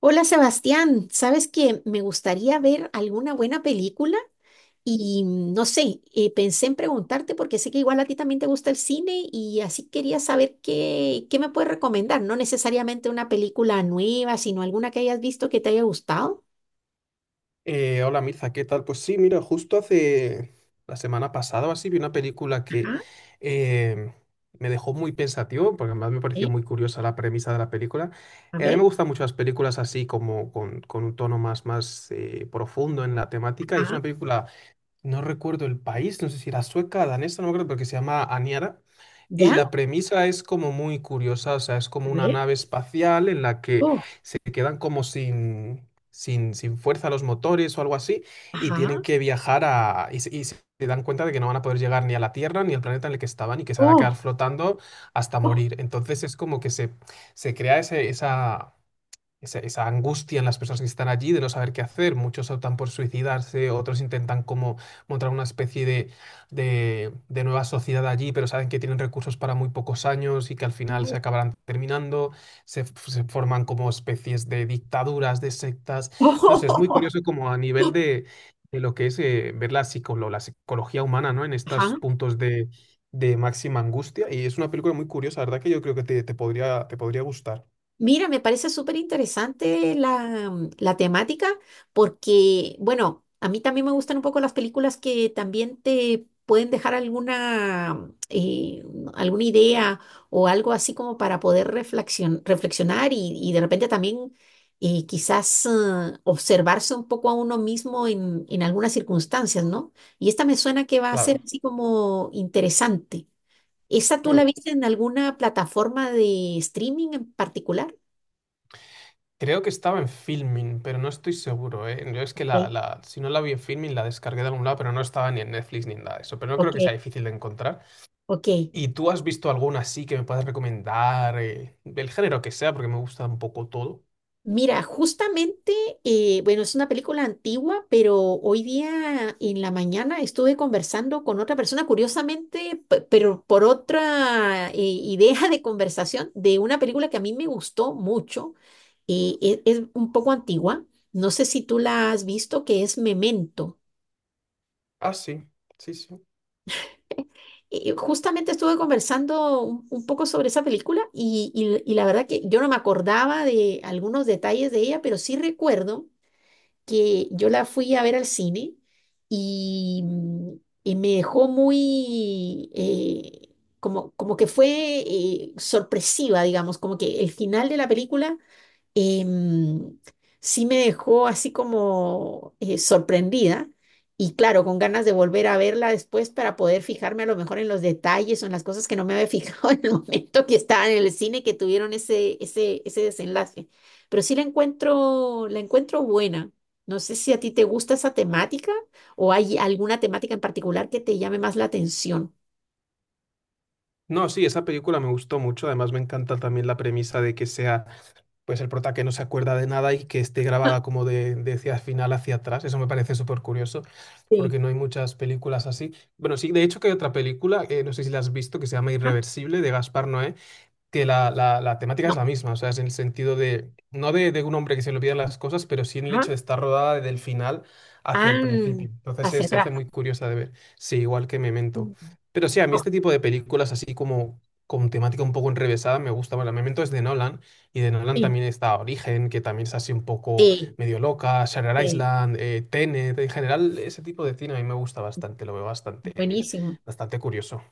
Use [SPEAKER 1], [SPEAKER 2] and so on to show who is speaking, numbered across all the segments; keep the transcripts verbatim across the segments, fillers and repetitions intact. [SPEAKER 1] Hola Sebastián, sabes que me gustaría ver alguna buena película y mm, no sé, eh, pensé en preguntarte porque sé que igual a ti también te gusta el cine y así quería saber qué, qué me puedes recomendar, no necesariamente una película nueva, sino alguna que hayas visto que te haya gustado.
[SPEAKER 2] Eh, hola Mirza, ¿qué tal? Pues sí, mira, justo hace la semana pasada o así vi una película que
[SPEAKER 1] Ajá.
[SPEAKER 2] eh, me dejó muy pensativo, porque además me pareció
[SPEAKER 1] eh,
[SPEAKER 2] muy curiosa la premisa de la película.
[SPEAKER 1] a
[SPEAKER 2] Eh, a mí me
[SPEAKER 1] ver.
[SPEAKER 2] gustan mucho las películas así como con, con un tono más, más eh, profundo en la temática. Y es
[SPEAKER 1] Ajá.
[SPEAKER 2] una película, no recuerdo el país, no sé si era sueca, danesa, no me acuerdo, pero que se llama Aniara.
[SPEAKER 1] Ya,
[SPEAKER 2] Y
[SPEAKER 1] a
[SPEAKER 2] la premisa es como muy curiosa, o sea, es como una
[SPEAKER 1] ver.
[SPEAKER 2] nave espacial en la que
[SPEAKER 1] Oh.
[SPEAKER 2] se quedan como sin, sin, sin fuerza los motores o algo así, y tienen
[SPEAKER 1] Ajá.
[SPEAKER 2] que viajar a... Y, se y se dan cuenta de que no van a poder llegar ni a la Tierra ni al planeta en el que estaban y que se van a quedar
[SPEAKER 1] Oh,
[SPEAKER 2] flotando hasta
[SPEAKER 1] oh,
[SPEAKER 2] morir. Entonces es como que se, se crea ese, esa, esa, esa angustia en las personas que están allí de no saber qué hacer. Muchos optan por suicidarse, otros intentan como montar una especie de, de, de nueva sociedad allí, pero saben que tienen recursos para muy pocos años y que al final se
[SPEAKER 1] oh.
[SPEAKER 2] acabarán terminando. Se, f- se forman como especies de dictaduras, de sectas.
[SPEAKER 1] Oh,
[SPEAKER 2] No
[SPEAKER 1] oh,
[SPEAKER 2] sé, es muy
[SPEAKER 1] oh,
[SPEAKER 2] curioso como a nivel
[SPEAKER 1] oh.
[SPEAKER 2] de, de lo que es eh, ver la, psicolo- la psicología humana, ¿no? En estos
[SPEAKER 1] Ajá.
[SPEAKER 2] puntos de... de máxima angustia y es una película muy curiosa, la verdad que yo creo que te, te podría, te podría gustar.
[SPEAKER 1] Mira, me parece súper interesante la, mm, la temática porque, bueno, a mí también me gustan un poco las películas que también te pueden dejar alguna, eh, alguna idea o algo así como para poder reflexion- reflexionar y, y de repente también eh, quizás eh, observarse un poco a uno mismo en, en algunas circunstancias, ¿no? Y esta me suena que va a ser
[SPEAKER 2] Claro.
[SPEAKER 1] así como interesante. ¿Esa tú la
[SPEAKER 2] Hmm.
[SPEAKER 1] viste en alguna plataforma de streaming en particular?
[SPEAKER 2] Creo que estaba en Filmin, pero no estoy seguro, ¿eh? Yo es que la,
[SPEAKER 1] Ok,
[SPEAKER 2] la, si no la vi en Filmin, la descargué de algún lado, pero no estaba ni en Netflix ni en nada de eso. Pero no creo
[SPEAKER 1] ok,
[SPEAKER 2] que sea difícil de encontrar.
[SPEAKER 1] ok.
[SPEAKER 2] ¿Y tú has visto alguna así que me puedas recomendar? Eh, del género que sea, porque me gusta un poco todo.
[SPEAKER 1] Mira, justamente, eh, bueno, es una película antigua, pero hoy día en la mañana estuve conversando con otra persona, curiosamente, pe- pero por otra eh, idea de conversación, de una película que a mí me gustó mucho. Eh, e- es un poco antigua, no sé si tú la has visto, que es Memento.
[SPEAKER 2] Ah, sí, sí, sí.
[SPEAKER 1] Eh, justamente estuve conversando un, un poco sobre esa película y, y y la verdad que yo no me acordaba de algunos detalles de ella, pero sí recuerdo que yo la fui a ver al cine y, mm, y me dejó muy, eh, como, como que fue eh, sorpresiva, digamos, como que el final de la película em, sí me dejó así como eh, sorprendida y claro, con ganas de volver a verla después para poder fijarme a lo mejor en los detalles o en las cosas que no me había fijado en el momento que estaba en el cine que tuvieron ese, ese, ese desenlace. Pero sí la encuentro, la encuentro buena. No sé si a ti te gusta esa temática o hay alguna temática en particular que te llame más la atención.
[SPEAKER 2] No, sí, esa película me gustó mucho. Además, me encanta también la premisa de que sea pues el prota que no se acuerda de nada y que esté grabada como de, de hacia final hacia atrás. Eso me parece súper curioso,
[SPEAKER 1] Sí.
[SPEAKER 2] porque no hay muchas películas así. Bueno, sí, de hecho que hay otra película, eh, no sé si la has visto, que se llama
[SPEAKER 1] Ah.
[SPEAKER 2] Irreversible, de Gaspar Noé, que la, la- la temática es la
[SPEAKER 1] No.
[SPEAKER 2] misma, o sea, es en el sentido de, no de, de un hombre que se le olvidan las cosas, pero sí en el
[SPEAKER 1] Ajá.
[SPEAKER 2] hecho de estar rodada del final hacia
[SPEAKER 1] Ah,
[SPEAKER 2] el principio. Entonces eh,
[SPEAKER 1] hacia
[SPEAKER 2] se hace
[SPEAKER 1] atrás.
[SPEAKER 2] muy curiosa de ver, sí, igual que Memento.
[SPEAKER 1] Mm.
[SPEAKER 2] Pero sí, a mí
[SPEAKER 1] No.
[SPEAKER 2] este tipo de películas así como con temática un poco enrevesada me gusta. Bueno, Memento es de Nolan y de Nolan
[SPEAKER 1] Sí,
[SPEAKER 2] también está Origen, que también es así un poco
[SPEAKER 1] sí,
[SPEAKER 2] medio loca, Shutter
[SPEAKER 1] sí.
[SPEAKER 2] Island, eh, Tenet, en general ese tipo de cine a mí me gusta bastante, lo veo bastante,
[SPEAKER 1] Buenísimo.
[SPEAKER 2] bastante curioso.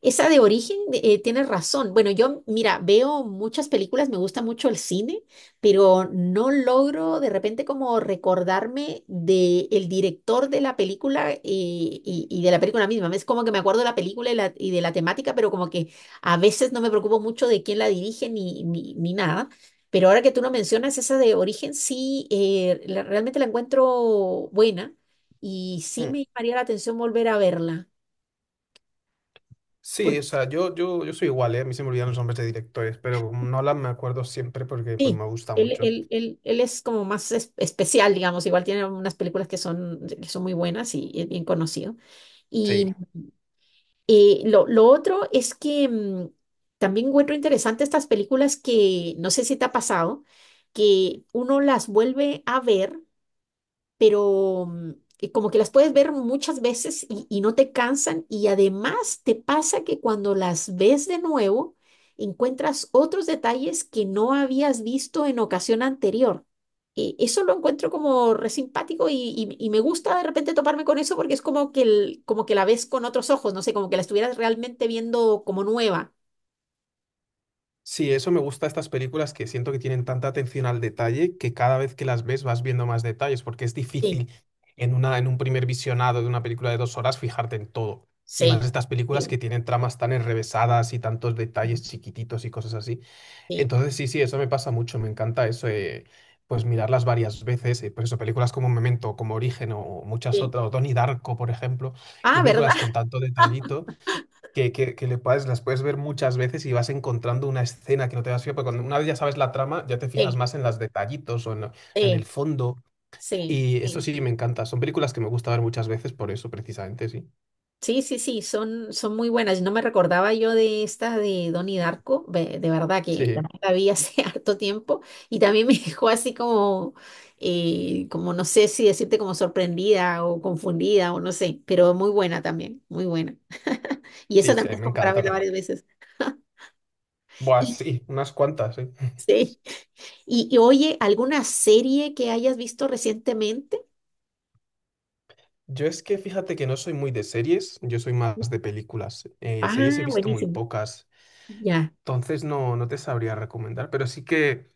[SPEAKER 1] Esa de origen, eh, tienes razón. Bueno, yo, mira, veo muchas películas, me gusta mucho el cine, pero no logro de repente como recordarme de el director de la película eh, y, y de la película misma. Es como que me acuerdo de la película y, la- y de la temática, pero como que a veces no me preocupo mucho de quién la dirige ni, ni, ni nada. Pero ahora que tú lo mencionas, esa de origen sí, eh, la- realmente la encuentro buena y sí
[SPEAKER 2] Mm.
[SPEAKER 1] me llamaría la atención volver a verla.
[SPEAKER 2] Sí, o sea, yo, yo, yo soy igual, ¿eh? A mí se me olvidan los nombres de directores, pero como Nolan me acuerdo siempre porque pues, me
[SPEAKER 1] Sí,
[SPEAKER 2] gusta
[SPEAKER 1] él,
[SPEAKER 2] mucho.
[SPEAKER 1] él, él, él es como más es- especial, digamos, igual tiene unas películas que son, que son muy buenas y es bien conocido.
[SPEAKER 2] Sí.
[SPEAKER 1] Y eh, lo, lo otro es que mm, también encuentro interesante estas películas que no sé si te ha pasado, que uno las vuelve a ver pero mm, eh, como que las puedes ver muchas veces y, y no te cansan y además te pasa que cuando las ves de nuevo encuentras otros detalles que no habías visto en ocasión anterior. Eh, eso lo encuentro como re simpático y, y- y me gusta de repente toparme con eso porque es como que, el- como que la ves con otros ojos, no sé, como que la estuvieras realmente viendo como nueva.
[SPEAKER 2] Sí, eso me gusta de estas películas que siento que tienen tanta atención al detalle que cada vez que las ves vas viendo más detalles, porque es
[SPEAKER 1] Sí,
[SPEAKER 2] difícil en una, en un primer visionado de una película de dos horas fijarte en todo. Y más
[SPEAKER 1] sí,
[SPEAKER 2] estas películas que
[SPEAKER 1] sí,
[SPEAKER 2] tienen tramas tan enrevesadas y tantos detalles chiquititos y cosas así.
[SPEAKER 1] sí,
[SPEAKER 2] Entonces, sí, sí, eso me pasa mucho, me encanta eso, eh, pues mirarlas varias veces, eh, por eso películas como Memento, como Origen o muchas
[SPEAKER 1] sí.
[SPEAKER 2] otras, o Donnie Darko, por ejemplo, que
[SPEAKER 1] Ah,
[SPEAKER 2] son
[SPEAKER 1] ¿verdad?
[SPEAKER 2] películas con tanto detallito que, que, que le puedes, las puedes ver muchas veces y vas encontrando una escena que no te das fijado, porque cuando una vez ya sabes la trama, ya te fijas
[SPEAKER 1] Sí,
[SPEAKER 2] más en los detallitos o en, lo- en el
[SPEAKER 1] sí,
[SPEAKER 2] fondo,
[SPEAKER 1] sí.
[SPEAKER 2] y eso
[SPEAKER 1] Sí.
[SPEAKER 2] sí, me encanta, son películas que me gusta ver muchas veces por eso, precisamente, sí.
[SPEAKER 1] Sí, sí, sí, son, son muy buenas. No me recordaba yo de esta de Donnie Darko, ve- de, verdad que
[SPEAKER 2] Sí,
[SPEAKER 1] también la vi hace harto tiempo y también me dejó así como, eh, como no sé si decirte como sorprendida o confundida o no sé, pero muy buena también, muy buena. Y esa
[SPEAKER 2] sí, sí, a
[SPEAKER 1] también
[SPEAKER 2] mí
[SPEAKER 1] es
[SPEAKER 2] me
[SPEAKER 1] como para
[SPEAKER 2] encanta
[SPEAKER 1] verla
[SPEAKER 2] también.
[SPEAKER 1] varias veces.
[SPEAKER 2] Buah,
[SPEAKER 1] Y,
[SPEAKER 2] sí, unas cuantas, sí.
[SPEAKER 1] sí, y, y oye, ¿alguna serie que hayas visto recientemente?
[SPEAKER 2] Yo es que fíjate que no soy muy de series, yo soy más de películas. Eh, series he
[SPEAKER 1] Ah,
[SPEAKER 2] visto muy
[SPEAKER 1] buenísimo.
[SPEAKER 2] pocas,
[SPEAKER 1] Ya.
[SPEAKER 2] entonces no, no te sabría recomendar, pero sí que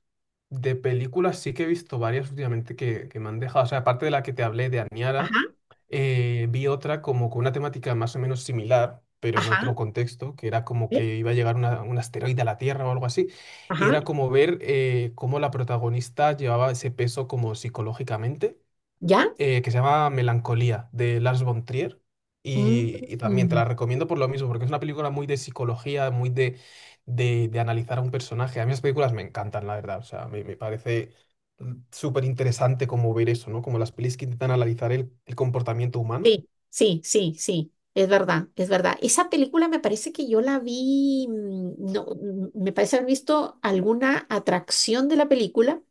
[SPEAKER 2] de películas sí que he visto varias últimamente que, que me han dejado. O sea, aparte de la que te hablé de
[SPEAKER 1] Ajá,
[SPEAKER 2] Aniara, eh, vi otra como con una temática más o menos similar, pero en
[SPEAKER 1] ajá,
[SPEAKER 2] otro contexto, que era como
[SPEAKER 1] eh,
[SPEAKER 2] que iba a llegar una- un asteroide a la Tierra o algo así, y
[SPEAKER 1] ajá,
[SPEAKER 2] era como ver eh, cómo la protagonista llevaba ese peso como psicológicamente
[SPEAKER 1] ya.
[SPEAKER 2] eh, que se llama Melancolía, de Lars von Trier. Y, y también te
[SPEAKER 1] Mm.
[SPEAKER 2] la recomiendo por lo mismo, porque es una película muy de psicología, muy de, de, de analizar a un personaje. A mí las películas me encantan, la verdad. O sea, me, me parece mm, súper interesante como ver eso, ¿no? Como las pelis que intentan analizar el, el comportamiento humano.
[SPEAKER 1] Sí, sí, sí, sí, es verdad, es verdad. Esa película me parece que yo la vi, mm, no, mm, me parece haber visto alguna atracción de la película,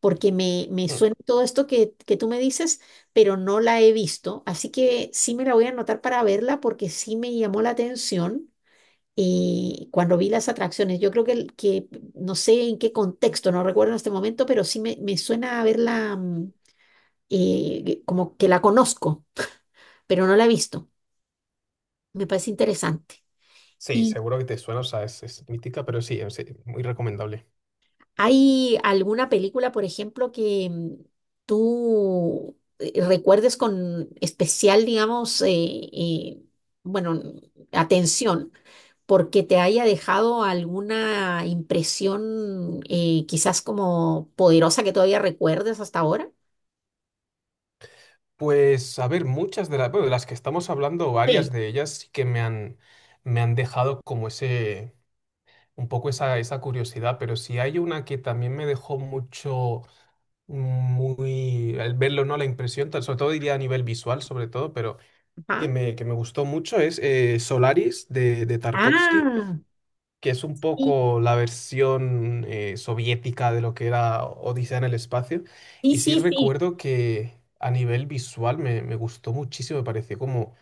[SPEAKER 1] porque me, me
[SPEAKER 2] Mm.
[SPEAKER 1] suena todo esto que, que tú me dices, pero no la he visto, así que sí me la voy a anotar para verla porque sí me llamó la atención eh, cuando vi las atracciones. Yo creo que, el- que no sé en qué contexto, no recuerdo en este momento, pero sí me, me suena haberla mm, eh, como que la conozco, pero no la he visto. Me parece interesante.
[SPEAKER 2] Sí,
[SPEAKER 1] ¿Y
[SPEAKER 2] seguro que te suena, o sea, es, es mítica, pero sí, es eh, muy recomendable.
[SPEAKER 1] hay alguna película, por ejemplo, que mm, tú eh, recuerdes con especial, digamos, eh, eh, bueno, n- atención, porque te haya dejado alguna impresión eh, quizás como poderosa que todavía recuerdes hasta ahora?
[SPEAKER 2] Pues, a ver, muchas de las, bueno, de las que estamos hablando, varias
[SPEAKER 1] Sí.
[SPEAKER 2] de ellas sí que me han, me han dejado como ese, un poco esa, esa curiosidad, pero si hay una que también me dejó mucho, muy, al verlo, ¿no? La impresión, tal- sobre todo diría a nivel visual, sobre todo, pero
[SPEAKER 1] Ajá.
[SPEAKER 2] que me, que me gustó mucho es eh, Solaris de, de Tarkovsky,
[SPEAKER 1] Ah,
[SPEAKER 2] que es un
[SPEAKER 1] sí,
[SPEAKER 2] poco la versión eh, soviética de lo que era Odisea en el espacio.
[SPEAKER 1] sí,
[SPEAKER 2] Y sí
[SPEAKER 1] sí, sí.
[SPEAKER 2] recuerdo que a nivel visual me, me gustó muchísimo, me pareció como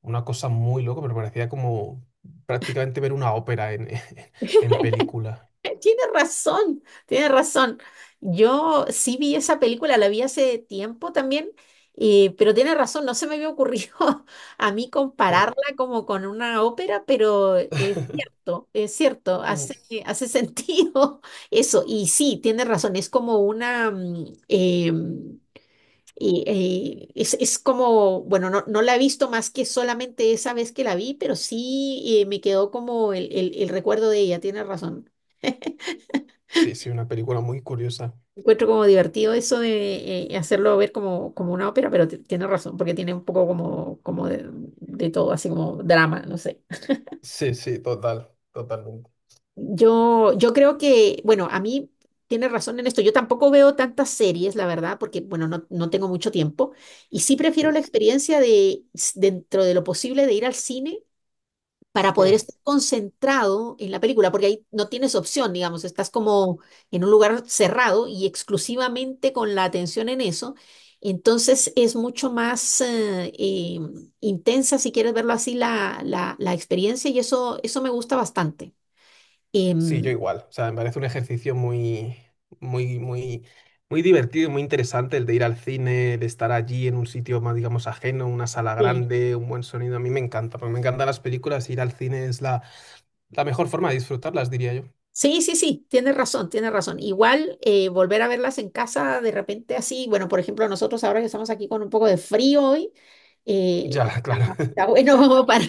[SPEAKER 2] una cosa muy loca, pero parecía como prácticamente ver una ópera en, en película.
[SPEAKER 1] Tiene razón, tiene razón. Yo sí vi esa película, la vi hace tiempo también, eh, pero tiene razón, no se me había ocurrido a mí compararla como con una ópera, pero es cierto, es cierto,
[SPEAKER 2] Mm.
[SPEAKER 1] hace, hace sentido eso. Y sí, tiene razón, es como una... mm, eh, y, eh, es, es como, bueno, no, no la he visto más que solamente esa vez que la vi, pero sí eh, me quedó como el, el el recuerdo de ella, tiene razón.
[SPEAKER 2] Sí, sí, una película muy curiosa.
[SPEAKER 1] Encuentro como divertido eso de eh, hacerlo ver como, como una ópera, pero ti- tienes razón, porque tiene un poco como, como de, de todo, así como drama, no sé.
[SPEAKER 2] Sí, sí, total, totalmente.
[SPEAKER 1] Yo, yo creo que, bueno, a mí tiene razón en esto. Yo tampoco veo tantas series, la verdad, porque, bueno, no, no tengo mucho tiempo. Y sí prefiero
[SPEAKER 2] Mm.
[SPEAKER 1] la experiencia de, s- dentro de lo posible, de ir al cine para poder
[SPEAKER 2] Mm.
[SPEAKER 1] estar concentrado en la película, porque ahí no tienes opción, digamos, estás como en un lugar cerrado y exclusivamente con la atención en eso. Entonces es mucho más eh, eh, intensa, si quieres verlo así, la, la, la experiencia y eso, eso me gusta bastante.
[SPEAKER 2] Sí,
[SPEAKER 1] Em,
[SPEAKER 2] yo igual. O sea, me parece un ejercicio muy, muy, muy, muy divertido y muy interesante el de ir al cine, de estar allí en un sitio más, digamos, ajeno, una sala
[SPEAKER 1] Sí.
[SPEAKER 2] grande, un buen sonido. A mí me encanta, porque me encantan las películas. Y Ir al cine es la, la mejor forma de disfrutarlas, diría yo.
[SPEAKER 1] Sí, sí, sí, tienes razón, tienes razón. Igual eh, volver a verlas en casa de repente así, bueno, por ejemplo, nosotros ahora que estamos aquí con un poco de frío hoy, eh,
[SPEAKER 2] Ya, claro.
[SPEAKER 1] está está bueno para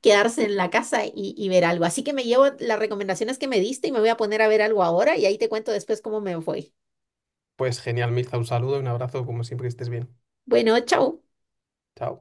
[SPEAKER 1] quedarse en la casa y, y ver algo. Así que me llevo las recomendaciones que me diste y me voy a poner a ver algo ahora y ahí te cuento después cómo me fue.
[SPEAKER 2] Pues genial, Mirza, un saludo y un abrazo, como siempre, que estés bien.
[SPEAKER 1] Bueno, chao.
[SPEAKER 2] Chao.